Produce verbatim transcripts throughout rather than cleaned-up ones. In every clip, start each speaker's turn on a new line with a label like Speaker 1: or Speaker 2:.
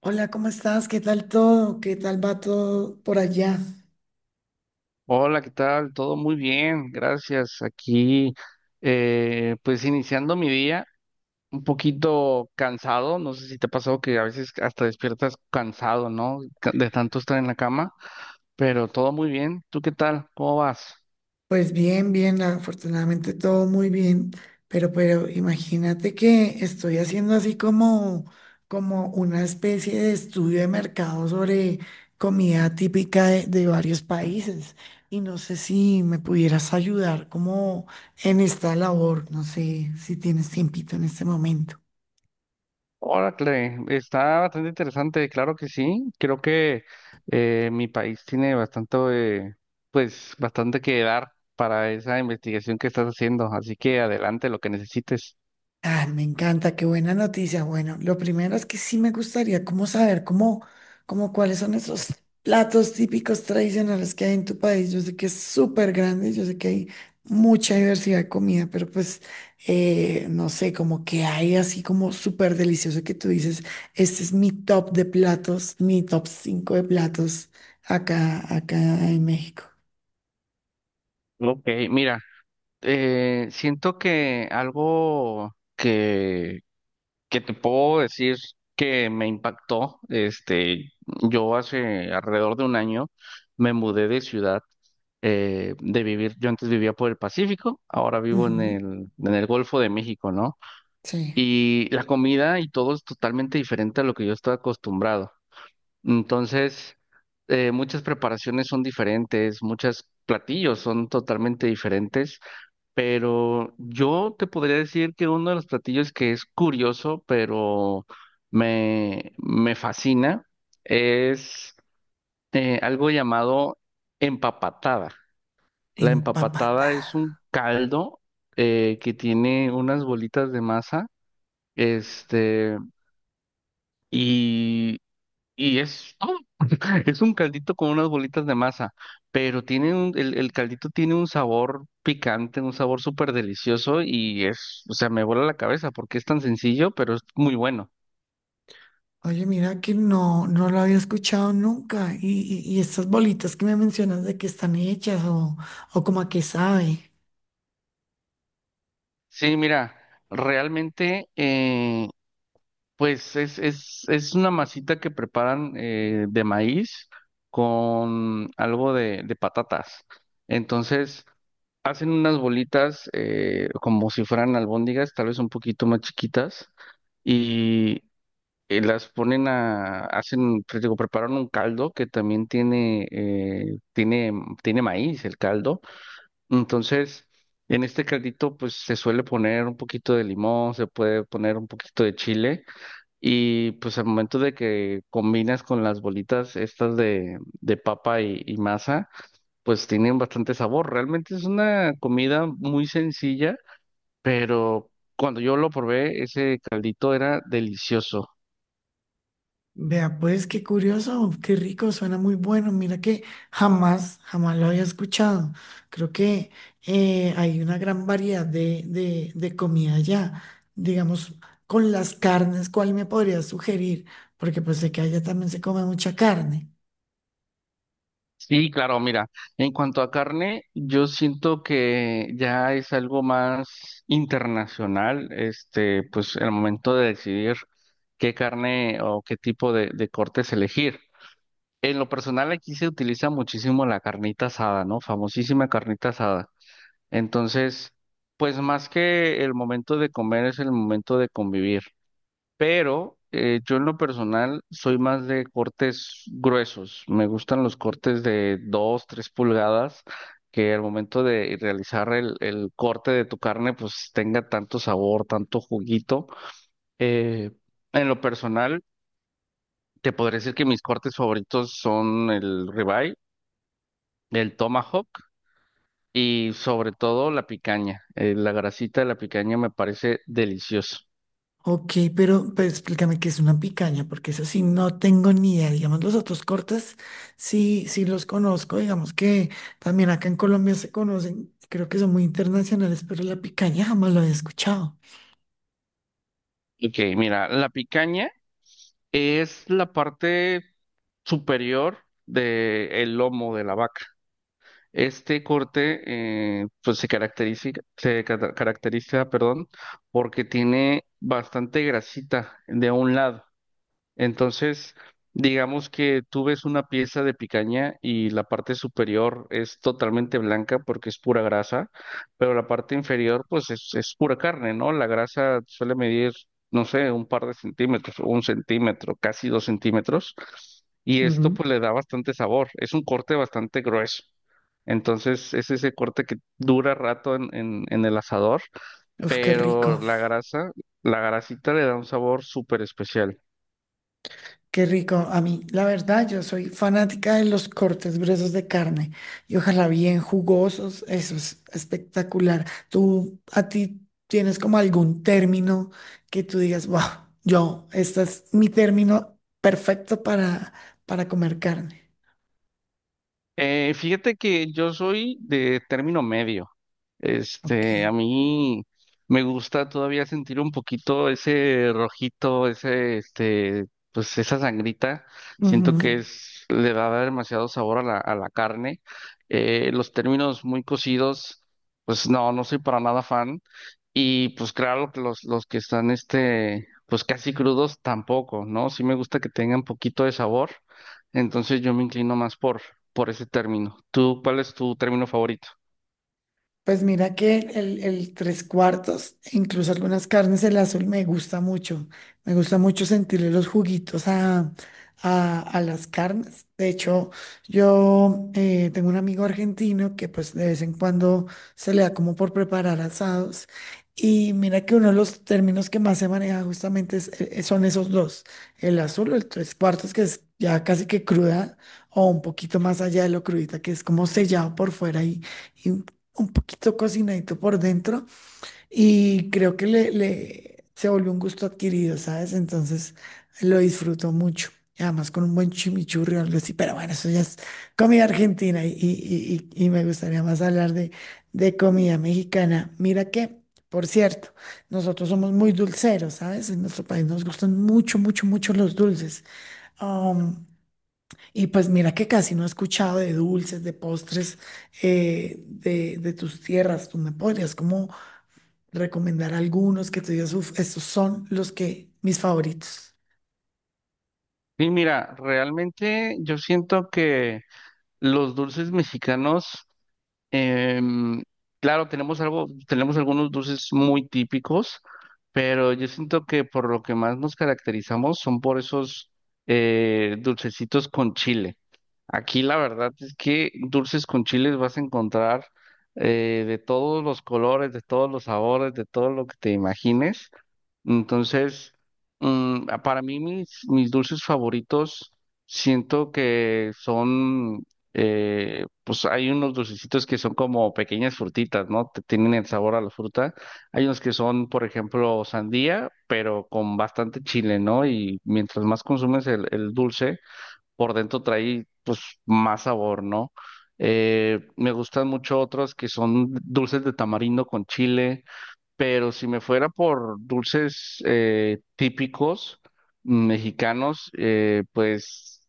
Speaker 1: Hola, ¿cómo estás? ¿Qué tal todo? ¿Qué tal va todo por allá?
Speaker 2: Hola, ¿qué tal? Todo muy bien, gracias. Aquí, eh, pues iniciando mi día, un poquito cansado. No sé si te ha pasado que a veces hasta despiertas cansado, ¿no? Ca- De tanto estar en la cama, pero todo muy bien. ¿Tú qué tal? ¿Cómo vas?
Speaker 1: Pues bien, bien, afortunadamente todo muy bien, pero pero imagínate que estoy haciendo así como como una especie de estudio de mercado sobre comida típica de, de varios países y no sé si me pudieras ayudar como en esta labor, no sé si tienes tiempito en este momento.
Speaker 2: Órale, está bastante interesante, claro que sí. Creo que eh, mi país tiene bastante, eh, pues, bastante que dar para esa investigación que estás haciendo. Así que adelante, lo que necesites.
Speaker 1: Ah, me encanta, qué buena noticia. Bueno, lo primero es que sí me gustaría como saber cómo, cómo cuáles son esos platos típicos tradicionales que hay en tu país. Yo sé que es súper grande, yo sé que hay mucha diversidad de comida, pero pues eh, no sé, como que hay así como súper delicioso que tú dices, este es mi top de platos, mi top cinco de platos acá, acá en México.
Speaker 2: Ok, mira. Eh, siento que algo que, que te puedo decir que me impactó, este, yo hace alrededor de un año me mudé de ciudad, eh, de vivir, yo antes vivía por el Pacífico, ahora vivo en
Speaker 1: Ujú,
Speaker 2: el, en el Golfo de México, ¿no?
Speaker 1: sí,
Speaker 2: Y la comida y todo es totalmente diferente a lo que yo estaba acostumbrado. Entonces, eh, muchas preparaciones son diferentes, muchos platillos son totalmente diferentes. Pero yo te podría decir que uno de los platillos que es curioso, pero me, me fascina, es eh, algo llamado empapatada. La
Speaker 1: empapatada.
Speaker 2: empapatada es un caldo eh, que tiene unas bolitas de masa, este, y, y es todo. Es un caldito con unas bolitas de masa, pero tiene un, el, el caldito tiene un sabor picante, un sabor súper delicioso y es, o sea, me vuela la cabeza porque es tan sencillo, pero es muy bueno.
Speaker 1: Oye, mira que no, no lo había escuchado nunca. Y, y, y estas bolitas que me mencionas de que están hechas o, o como a qué sabe.
Speaker 2: Sí, mira, realmente, eh, pues es, es, es una masita que preparan eh, de maíz con algo de, de patatas. Entonces, hacen unas bolitas eh, como si fueran albóndigas, tal vez un poquito más chiquitas. Eh, las ponen a, hacen, pues, digo, Preparan un caldo que también tiene, eh, tiene, tiene maíz el caldo. Entonces, en este caldito, pues se suele poner un poquito de limón, se puede poner un poquito de chile y pues al momento de que combinas con las bolitas estas de, de papa y, y masa, pues tienen bastante sabor. Realmente es una comida muy sencilla, pero cuando yo lo probé, ese caldito era delicioso.
Speaker 1: Vea, pues qué curioso, qué rico, suena muy bueno. Mira que jamás, jamás lo había escuchado. Creo que eh, hay una gran variedad de, de, de comida allá. Digamos, con las carnes, ¿cuál me podrías sugerir? Porque pues sé que allá también se come mucha carne.
Speaker 2: Sí, claro, mira, en cuanto a carne, yo siento que ya es algo más internacional, este, pues el momento de decidir qué carne o qué tipo de, de cortes elegir. En lo personal aquí se utiliza muchísimo la carnita asada, ¿no? Famosísima carnita asada. Entonces, pues más que el momento de comer es el momento de convivir, pero eh, yo en lo personal soy más de cortes gruesos. Me gustan los cortes de dos tres pulgadas, que al momento de realizar el, el corte de tu carne, pues tenga tanto sabor, tanto juguito. Eh, en lo personal, te podré decir que mis cortes favoritos son el ribeye, el tomahawk. Y sobre todo la picaña. Eh, la grasita de la picaña me parece deliciosa.
Speaker 1: Ok, pero, pero explícame qué es una picaña, porque eso sí no tengo ni idea. Digamos, los otros cortes sí, sí los conozco, digamos que también acá en Colombia se conocen, creo que son muy internacionales, pero la picaña jamás lo había escuchado.
Speaker 2: Ok, mira, la picaña es la parte superior del lomo de la vaca. Este corte eh, pues se caracteriza, se cata- caracteriza, perdón, porque tiene bastante grasita de un lado. Entonces, digamos que tú ves una pieza de picaña y la parte superior es totalmente blanca porque es pura grasa, pero la parte inferior pues es, es pura carne, ¿no? La grasa suele medir, no sé, un par de centímetros, un centímetro, casi dos centímetros, y esto
Speaker 1: Ujú.
Speaker 2: pues le da bastante sabor, es un corte bastante grueso. Entonces es ese corte que dura rato en, en, en el asador,
Speaker 1: Uf, qué
Speaker 2: pero
Speaker 1: rico.
Speaker 2: la grasa, la grasita le da un sabor súper especial.
Speaker 1: Qué rico. A mí, la verdad, yo soy fanática de los cortes gruesos de carne y ojalá bien jugosos. Eso es espectacular. ¿Tú a ti tienes como algún término que tú digas, wow, yo, este es mi término perfecto para, para comer carne?
Speaker 2: Eh, fíjate que yo soy de término medio.
Speaker 1: Ok.
Speaker 2: Este, a mí me gusta todavía sentir un poquito ese rojito, ese, este, pues esa sangrita. Siento que
Speaker 1: Ujú.
Speaker 2: es, le va a dar demasiado sabor a la, a la carne. Eh, los términos muy cocidos, pues no, no soy para nada fan. Y pues claro que los, los que están, este, pues casi crudos tampoco, ¿no? Sí me gusta que tengan poquito de sabor. Entonces yo me inclino más por, por ese término. ¿Tú, cuál es tu término favorito?
Speaker 1: Pues mira que el, el tres cuartos, e incluso algunas carnes, el azul me gusta mucho. Me gusta mucho sentirle los juguitos a, a, a las carnes. De hecho, yo eh, tengo un amigo argentino que pues de vez en cuando se le da como por preparar asados. Y mira que uno de los términos que más se maneja justamente es- eh, eh, son esos dos. El azul, el tres cuartos, que es ya casi que cruda o un poquito más allá de lo crudita, que es como sellado por fuera y un poquito cocinadito por dentro y creo que le, le- se volvió un gusto adquirido, ¿sabes? Entonces lo disfruto mucho. Y además con un buen chimichurri o algo así, pero bueno, eso ya es comida argentina y, y- y- y me gustaría más hablar de, de comida mexicana. Mira que, por cierto, nosotros somos muy dulceros, ¿sabes? En nuestro país nos gustan mucho, mucho, mucho los dulces. Um, y pues mira que casi no he escuchado de dulces, de postres, eh, de, de tus tierras. ¿Tú me podrías como recomendar algunos que tú digas, uff, estos son los que, mis favoritos?
Speaker 2: Sí, mira, realmente yo siento que los dulces mexicanos, em, claro, tenemos algo, tenemos algunos dulces muy típicos, pero yo siento que por lo que más nos caracterizamos son por esos eh, dulcecitos con chile. Aquí la verdad es que dulces con chiles vas a encontrar eh, de todos los colores, de todos los sabores, de todo lo que te imagines. Entonces, mm, a- para mí mis, mis dulces favoritos, siento que son, eh, pues hay unos dulcecitos que son como pequeñas frutitas, ¿no? Te- Tienen el sabor a la fruta. Hay unos que son, por ejemplo, sandía, pero con bastante chile, ¿no? Y mientras más consumes el, el dulce, por dentro trae, pues, más sabor, ¿no? Eh, me gustan mucho otros que son dulces de tamarindo con chile. Pero si me fuera por dulces eh, típicos mexicanos, eh, pues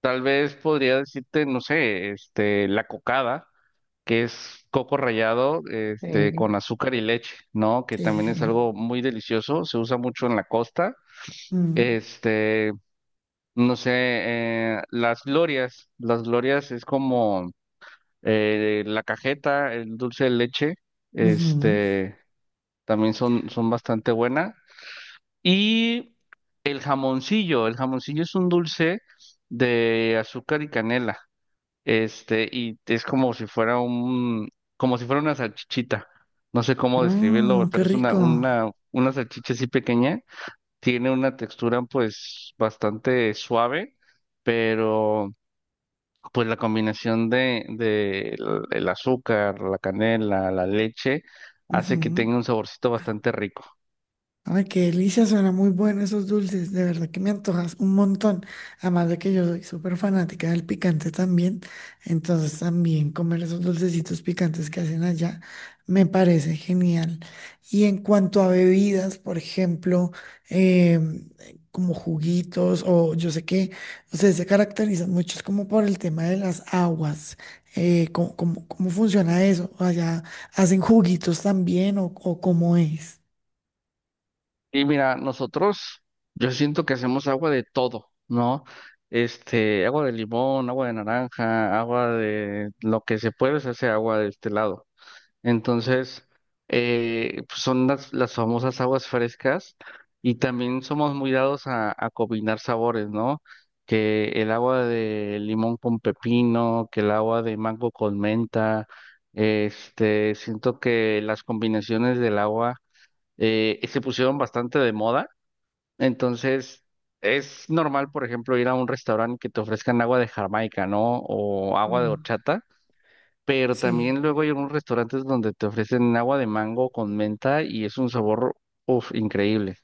Speaker 2: tal vez podría decirte, no sé, este, la cocada, que es coco rallado, este,
Speaker 1: Sí.
Speaker 2: con azúcar y leche, ¿no? Que
Speaker 1: Sí, sí,
Speaker 2: también es
Speaker 1: sí.
Speaker 2: algo muy delicioso, se usa mucho en la costa.
Speaker 1: Mm,
Speaker 2: Este, no sé, eh, las glorias, las glorias es como eh, la cajeta, el dulce de leche,
Speaker 1: ujú.
Speaker 2: este, también son, son bastante buenas. Y el jamoncillo, el jamoncillo es un dulce de azúcar y canela, este, y es como si fuera un, como si fuera una salchichita. No sé cómo describirlo, güey,
Speaker 1: Mm, qué
Speaker 2: pero es una,
Speaker 1: rico.
Speaker 2: una, una salchicha así pequeña. Tiene una textura, pues, bastante suave, pero, pues, la combinación de, de el el azúcar, la canela, la leche, hace que tenga
Speaker 1: Ujú.
Speaker 2: un saborcito bastante rico.
Speaker 1: Ay, qué delicia, suena muy bueno esos dulces, de verdad que me antojas un montón. Además de que yo soy súper fanática del picante también, entonces también comer esos dulcecitos picantes que hacen allá me parece genial. Y en cuanto a bebidas, por ejemplo, em, como juguitos o yo sé que ustedes se caracterizan muchos como por el tema de las aguas. eh, ¿cómo, cómo cómo funciona eso? ¿Allá hacen juguitos también o, o cómo es?
Speaker 2: Y mira, nosotros, yo siento que hacemos agua de todo, ¿no? Este, agua de limón, agua de naranja, agua de lo que se puede, se hace agua de este lado. Entonces, eh, pues son las, las famosas aguas frescas y también somos muy dados a, a combinar sabores, ¿no? Que el agua de limón con pepino, que el agua de mango con menta, este, siento que las combinaciones del agua eh, se pusieron bastante de moda. Entonces, es normal, por ejemplo, ir a un restaurante que te ofrezcan agua de Jamaica, ¿no? O agua de horchata, pero
Speaker 1: Sí,
Speaker 2: también luego hay algunos restaurantes donde te ofrecen agua de mango con menta y es un sabor, uf, increíble.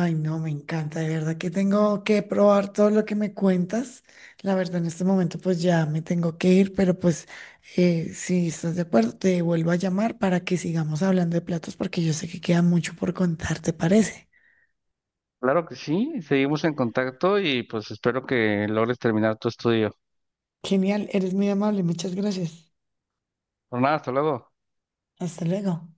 Speaker 1: ay no, me encanta, de verdad que tengo que probar todo lo que me cuentas. La verdad, en este momento pues ya me tengo que ir, pero pues eh, si estás de acuerdo, te vuelvo a llamar para que sigamos hablando de platos porque yo sé que queda mucho por contar, ¿te parece?
Speaker 2: Claro que sí, seguimos en contacto y pues espero que logres terminar tu estudio.
Speaker 1: Genial, eres muy amable, muchas gracias.
Speaker 2: Por nada, hasta luego.
Speaker 1: Hasta luego.